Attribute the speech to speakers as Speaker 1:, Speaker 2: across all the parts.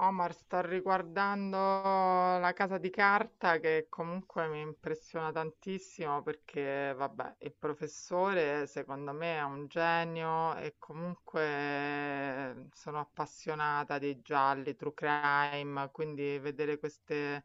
Speaker 1: Omar, sto riguardando La Casa di Carta che comunque mi impressiona tantissimo perché, vabbè, il professore secondo me è un genio e comunque sono appassionata dei gialli, true crime, quindi vedere queste,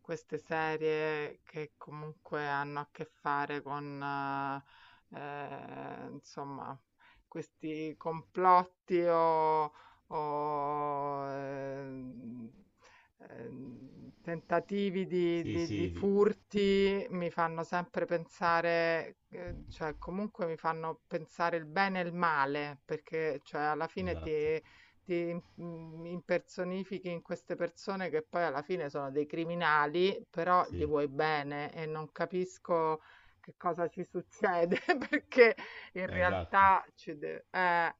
Speaker 1: queste serie che comunque hanno a che fare con, insomma, questi complotti o ho, ehm, tentativi di,
Speaker 2: Sì,
Speaker 1: di- di
Speaker 2: sì,
Speaker 1: furti mi fanno sempre pensare, cioè comunque mi fanno pensare il bene e il male, perché cioè, alla fine
Speaker 2: esatto,
Speaker 1: ti impersonifichi in queste persone che poi alla fine sono dei criminali, però gli
Speaker 2: sì,
Speaker 1: vuoi bene e non capisco che cosa ci succede, perché in
Speaker 2: esatto.
Speaker 1: realtà ci deve...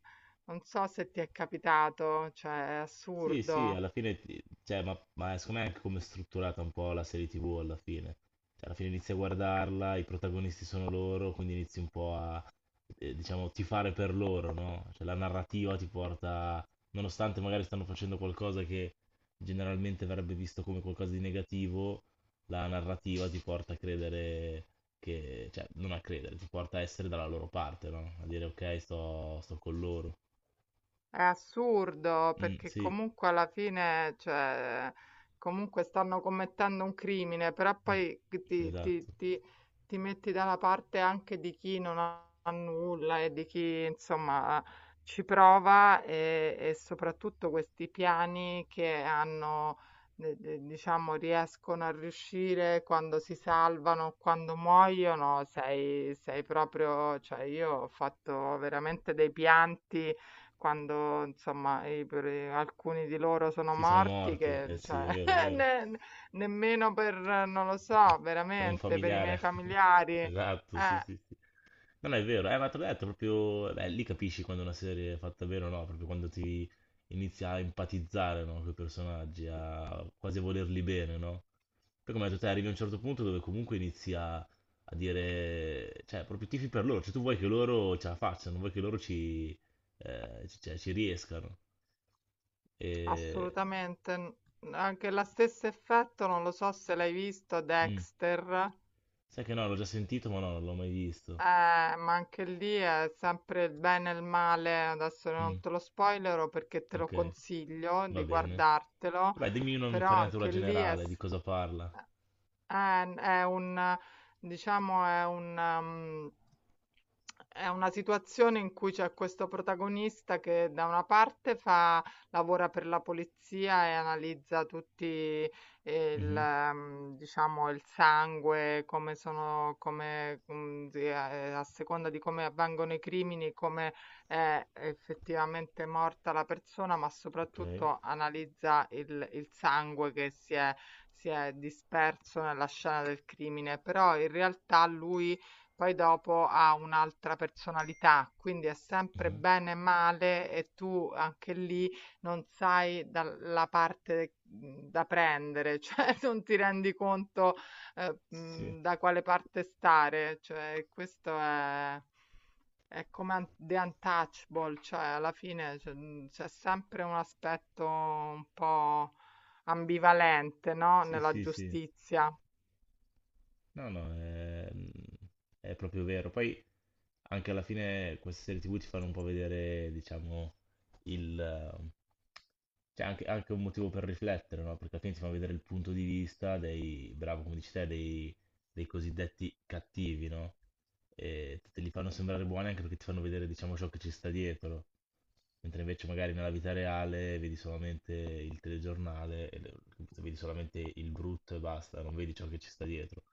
Speaker 1: non so se ti è capitato, cioè è
Speaker 2: Sì, sì,
Speaker 1: assurdo.
Speaker 2: alla fine, cioè, ma secondo me è anche come è strutturata un po' la serie TV alla fine. Cioè, alla fine inizi a guardarla, i protagonisti sono loro, quindi inizi un po' a, diciamo, tifare per loro, no? Cioè, la narrativa ti porta, nonostante magari stanno facendo qualcosa che generalmente verrebbe visto come qualcosa di negativo, la narrativa ti porta a credere che, cioè, non a credere, ti porta a essere dalla loro parte, no? A dire, ok, sto con loro.
Speaker 1: È assurdo
Speaker 2: Mm,
Speaker 1: perché
Speaker 2: sì,
Speaker 1: comunque alla fine, cioè, comunque stanno commettendo un crimine, però
Speaker 2: mm,
Speaker 1: poi ti, ti-
Speaker 2: esatto.
Speaker 1: ti- ti metti dalla parte anche di chi non ha nulla e di chi insomma ci prova e soprattutto questi piani che hanno, diciamo, riescono a riuscire quando si salvano, quando muoiono, sei, sei proprio, cioè io ho fatto veramente dei pianti quando insomma, i per alcuni di loro sono
Speaker 2: Sì, sono
Speaker 1: morti
Speaker 2: morti.
Speaker 1: che
Speaker 2: Eh sì,
Speaker 1: cioè
Speaker 2: è vero, è vero.
Speaker 1: ne nemmeno per non lo so,
Speaker 2: Per un
Speaker 1: veramente per i miei
Speaker 2: familiare.
Speaker 1: familiari,
Speaker 2: Esatto, sì, sì, sì. Non è vero, ma te l'ho detto, proprio... Beh, lì capisci quando una serie è fatta bene o no, proprio quando ti inizia a empatizzare, no, con i personaggi, a quasi volerli bene, no? Poi come hai detto te, arrivi a un certo punto dove comunque inizi a, a dire... Cioè, proprio tifi per loro, cioè tu vuoi che loro ce la facciano, vuoi che loro ci, cioè, ci riescano. E...
Speaker 1: assolutamente. Anche lo stesso effetto, non lo so se l'hai visto,
Speaker 2: mm.
Speaker 1: Dexter,
Speaker 2: Sai che no, l'ho già sentito, ma no, non l'ho mai visto.
Speaker 1: ma anche lì è sempre il bene e il male. Adesso non
Speaker 2: Mm,
Speaker 1: te lo spoilero perché te lo
Speaker 2: ok,
Speaker 1: consiglio
Speaker 2: va
Speaker 1: di
Speaker 2: bene.
Speaker 1: guardartelo,
Speaker 2: Dai, dimmi
Speaker 1: però
Speaker 2: un'infarinatura
Speaker 1: anche lì è,
Speaker 2: generale di cosa parla.
Speaker 1: È un, diciamo, è una situazione in cui c'è questo protagonista che da una parte fa, lavora per la polizia e analizza tutti il,
Speaker 2: Mhm,
Speaker 1: diciamo, il sangue, come sono, come, a seconda di come avvengono i crimini, come è effettivamente morta la persona, ma
Speaker 2: ok.
Speaker 1: soprattutto analizza il sangue che si è disperso nella scena del crimine, però in realtà lui poi dopo ha un'altra personalità, quindi è sempre
Speaker 2: Mhm.
Speaker 1: bene e male e tu anche lì non sai dalla parte da prendere, cioè non ti rendi conto
Speaker 2: Sì,
Speaker 1: da quale parte stare, cioè questo è... È come The Untouchable, cioè alla fine c'è sempre un aspetto un po' ambivalente, no?
Speaker 2: sì,
Speaker 1: Nella
Speaker 2: sì, sì.
Speaker 1: giustizia.
Speaker 2: No, no, è proprio vero. Poi anche alla fine queste serie TV ti fanno un po' vedere, diciamo, il... eh, c'è anche, anche un motivo per riflettere, no? Perché alla fine ti fanno vedere il punto di vista dei, bravo, come dici te, dei, dei cosiddetti cattivi, no? E te li fanno sembrare buoni anche perché ti fanno vedere, diciamo, ciò che ci sta dietro. Mentre invece magari nella vita reale vedi solamente il telegiornale, e vedi solamente il brutto e basta, non vedi ciò che ci sta dietro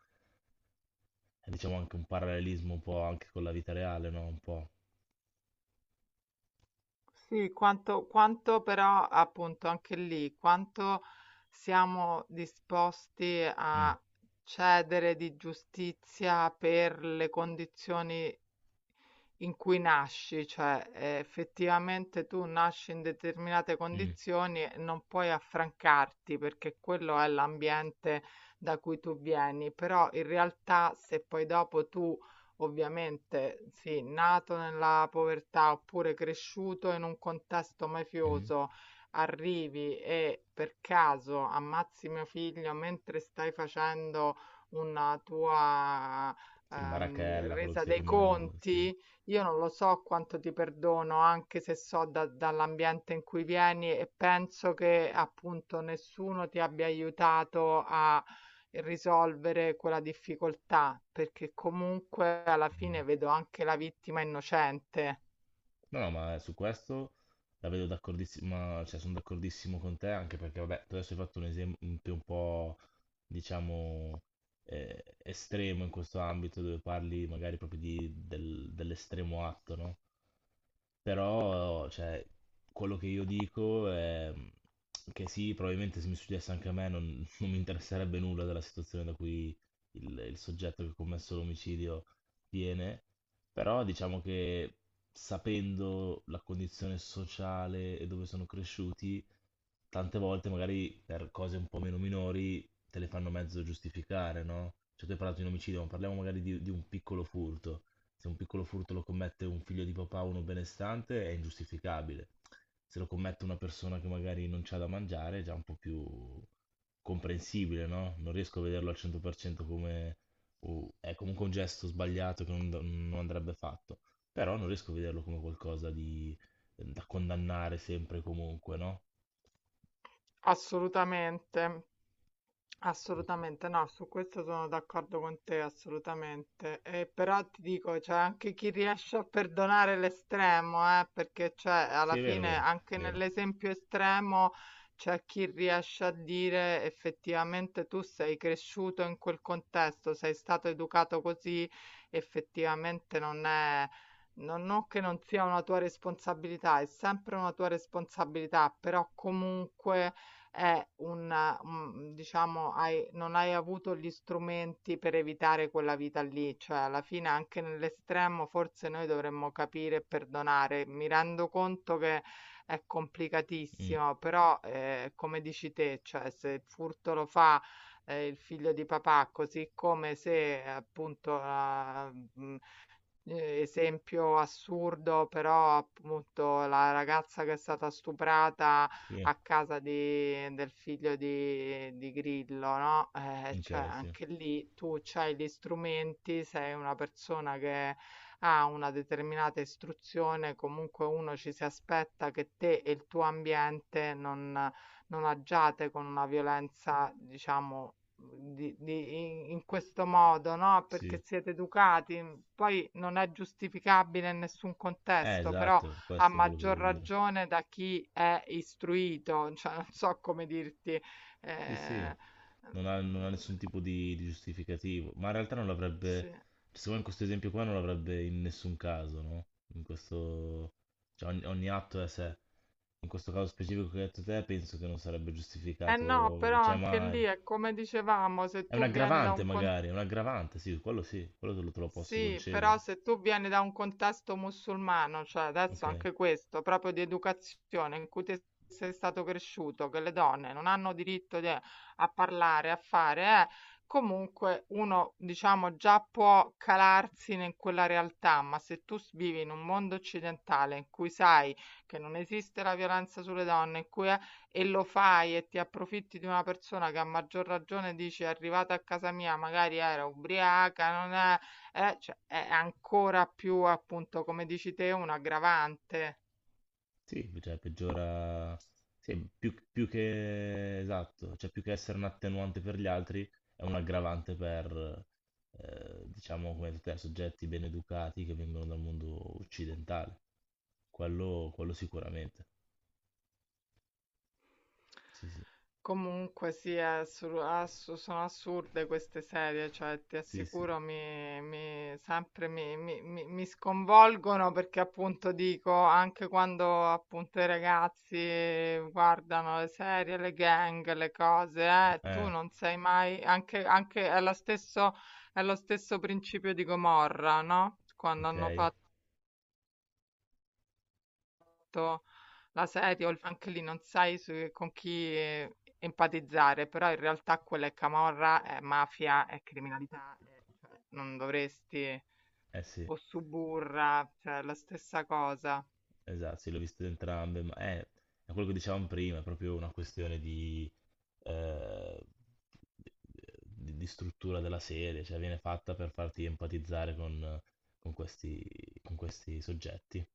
Speaker 2: è, diciamo anche un parallelismo un po' anche con la vita reale, no? Un po'.
Speaker 1: Sì, quanto però appunto anche lì, quanto siamo disposti
Speaker 2: Mm,
Speaker 1: a cedere di giustizia per le condizioni in cui nasci, cioè effettivamente tu nasci in determinate
Speaker 2: mm,
Speaker 1: condizioni e non puoi affrancarti perché quello è l'ambiente da cui tu vieni, però in realtà se poi dopo tu ovviamente sì, nato nella povertà oppure cresciuto in un contesto
Speaker 2: mm.
Speaker 1: mafioso, arrivi e per caso ammazzi mio figlio mentre stai facendo una tua
Speaker 2: Sì, Marachella, quello che
Speaker 1: resa
Speaker 2: stai
Speaker 1: dei
Speaker 2: combinando, sì.
Speaker 1: conti, io non lo so quanto ti perdono, anche se so dall'ambiente in cui vieni e penso che appunto nessuno ti abbia aiutato a risolvere quella difficoltà, perché comunque alla
Speaker 2: Mhm.
Speaker 1: fine vedo anche la vittima innocente.
Speaker 2: No, no, ma su questo la vedo d'accordissima, cioè sono d'accordissimo con te, anche perché, vabbè, tu adesso hai fatto un esempio un po', diciamo, estremo in questo ambito, dove parli magari proprio dell'estremo atto, no? Però, cioè, quello che io dico è che sì, probabilmente se mi succedesse anche a me non, non mi interesserebbe nulla della situazione da cui il soggetto che ha commesso l'omicidio viene, però diciamo che sapendo la condizione sociale e dove sono cresciuti, tante volte magari per cose un po' meno minori te le fanno mezzo giustificare, no? Cioè tu hai parlato di un omicidio, ma parliamo magari di un piccolo furto. Se un piccolo furto lo commette un figlio di papà o uno benestante è ingiustificabile. Se lo commette una persona che magari non c'ha da mangiare è già un po' più comprensibile, no? Non riesco a vederlo al 100% come... è comunque un gesto sbagliato che non, non andrebbe fatto. Però non riesco a vederlo come qualcosa di... da condannare sempre e comunque, no?
Speaker 1: Assolutamente.
Speaker 2: Eh sì,
Speaker 1: Assolutamente no, su questo sono d'accordo con te, assolutamente. E però ti dico, c'è anche chi riesce a perdonare l'estremo, perché cioè,
Speaker 2: sì,
Speaker 1: alla
Speaker 2: è vero, è
Speaker 1: fine
Speaker 2: vero,
Speaker 1: anche
Speaker 2: è vero.
Speaker 1: nell'esempio estremo c'è chi riesce a dire effettivamente tu sei cresciuto in quel contesto, sei stato educato così, effettivamente non è... Non, non che non sia una tua responsabilità, è sempre una tua responsabilità, però comunque è un diciamo hai non hai avuto gli strumenti per evitare quella vita lì, cioè alla fine anche nell'estremo forse noi dovremmo capire e perdonare. Mi rendo conto che è
Speaker 2: Mm,
Speaker 1: complicatissimo, però, come dici te, cioè se il furto lo fa, il figlio di papà, così come se appunto, esempio assurdo, però appunto la ragazza che è stata stuprata
Speaker 2: sì,
Speaker 1: a casa di del figlio di Grillo, no, cioè
Speaker 2: ok, sì,
Speaker 1: anche lì tu c'hai gli strumenti, sei una persona che ha una determinata istruzione, comunque uno ci si aspetta che te e il tuo ambiente non agiate con una violenza, diciamo, di- di- in questo modo, no?
Speaker 2: sì.
Speaker 1: Perché siete educati. Poi non è giustificabile in nessun contesto, però
Speaker 2: Esatto,
Speaker 1: a
Speaker 2: questo è quello che
Speaker 1: maggior
Speaker 2: volevo dire.
Speaker 1: ragione da chi è istruito, cioè non so come dirti.
Speaker 2: Sì, sì.
Speaker 1: eh,
Speaker 2: Non ha, non ha
Speaker 1: mm,
Speaker 2: nessun tipo di giustificativo, ma in realtà non l'avrebbe,
Speaker 1: sì.
Speaker 2: cioè, secondo me in questo esempio qua non l'avrebbe in nessun caso, no? In questo, cioè ogni, ogni atto è a sé. In questo caso specifico che hai detto te, penso che non sarebbe
Speaker 1: Eh no,
Speaker 2: giustificato,
Speaker 1: però
Speaker 2: cioè
Speaker 1: anche lì
Speaker 2: mai.
Speaker 1: è come dicevamo, se
Speaker 2: È un
Speaker 1: tu vieni da
Speaker 2: aggravante
Speaker 1: un contesto.
Speaker 2: magari, è un aggravante, sì, quello te lo posso
Speaker 1: Sì, però
Speaker 2: concedere,
Speaker 1: se tu vieni da un contesto musulmano, cioè adesso
Speaker 2: ok?
Speaker 1: anche questo, proprio di educazione in cui te sei stato cresciuto, che le donne non hanno diritto a parlare, a fare, comunque uno, diciamo, già può calarsi in quella realtà, ma se tu vivi in un mondo occidentale in cui sai che non esiste la violenza sulle donne, in cui è, e lo fai e ti approfitti di una persona che a maggior ragione dici è arrivata a casa mia, magari era ubriaca, non è cioè, è ancora più, appunto, come dici te, un aggravante.
Speaker 2: Sì, cioè peggiora, sì, più, più che esatto, cioè più che essere un attenuante per gli altri, è un aggravante per, diciamo, come tutti i soggetti ben educati che vengono dal mondo occidentale. Quello sicuramente. Sì, sì,
Speaker 1: Comunque sì, è sono assurde queste serie, cioè ti
Speaker 2: sì, sì.
Speaker 1: assicuro sempre mi sconvolgono perché appunto dico, anche quando appunto i ragazzi guardano le serie, le gang, le cose, tu
Speaker 2: Eh,
Speaker 1: non sei mai, anche è lo stesso principio di Gomorra, no? Quando
Speaker 2: ok,
Speaker 1: hanno
Speaker 2: eh
Speaker 1: fatto letto, la sedia o il anche lì non sai con chi empatizzare, però in realtà quella è camorra, è mafia, è criminalità, cioè, non dovresti,
Speaker 2: sì,
Speaker 1: o suburra, cioè è la stessa cosa.
Speaker 2: esatto, sì, l'ho visto entrambe, ma è quello che dicevamo prima, è proprio una questione di eh, di, di struttura della serie, cioè viene fatta per farti empatizzare con questi, con questi soggetti.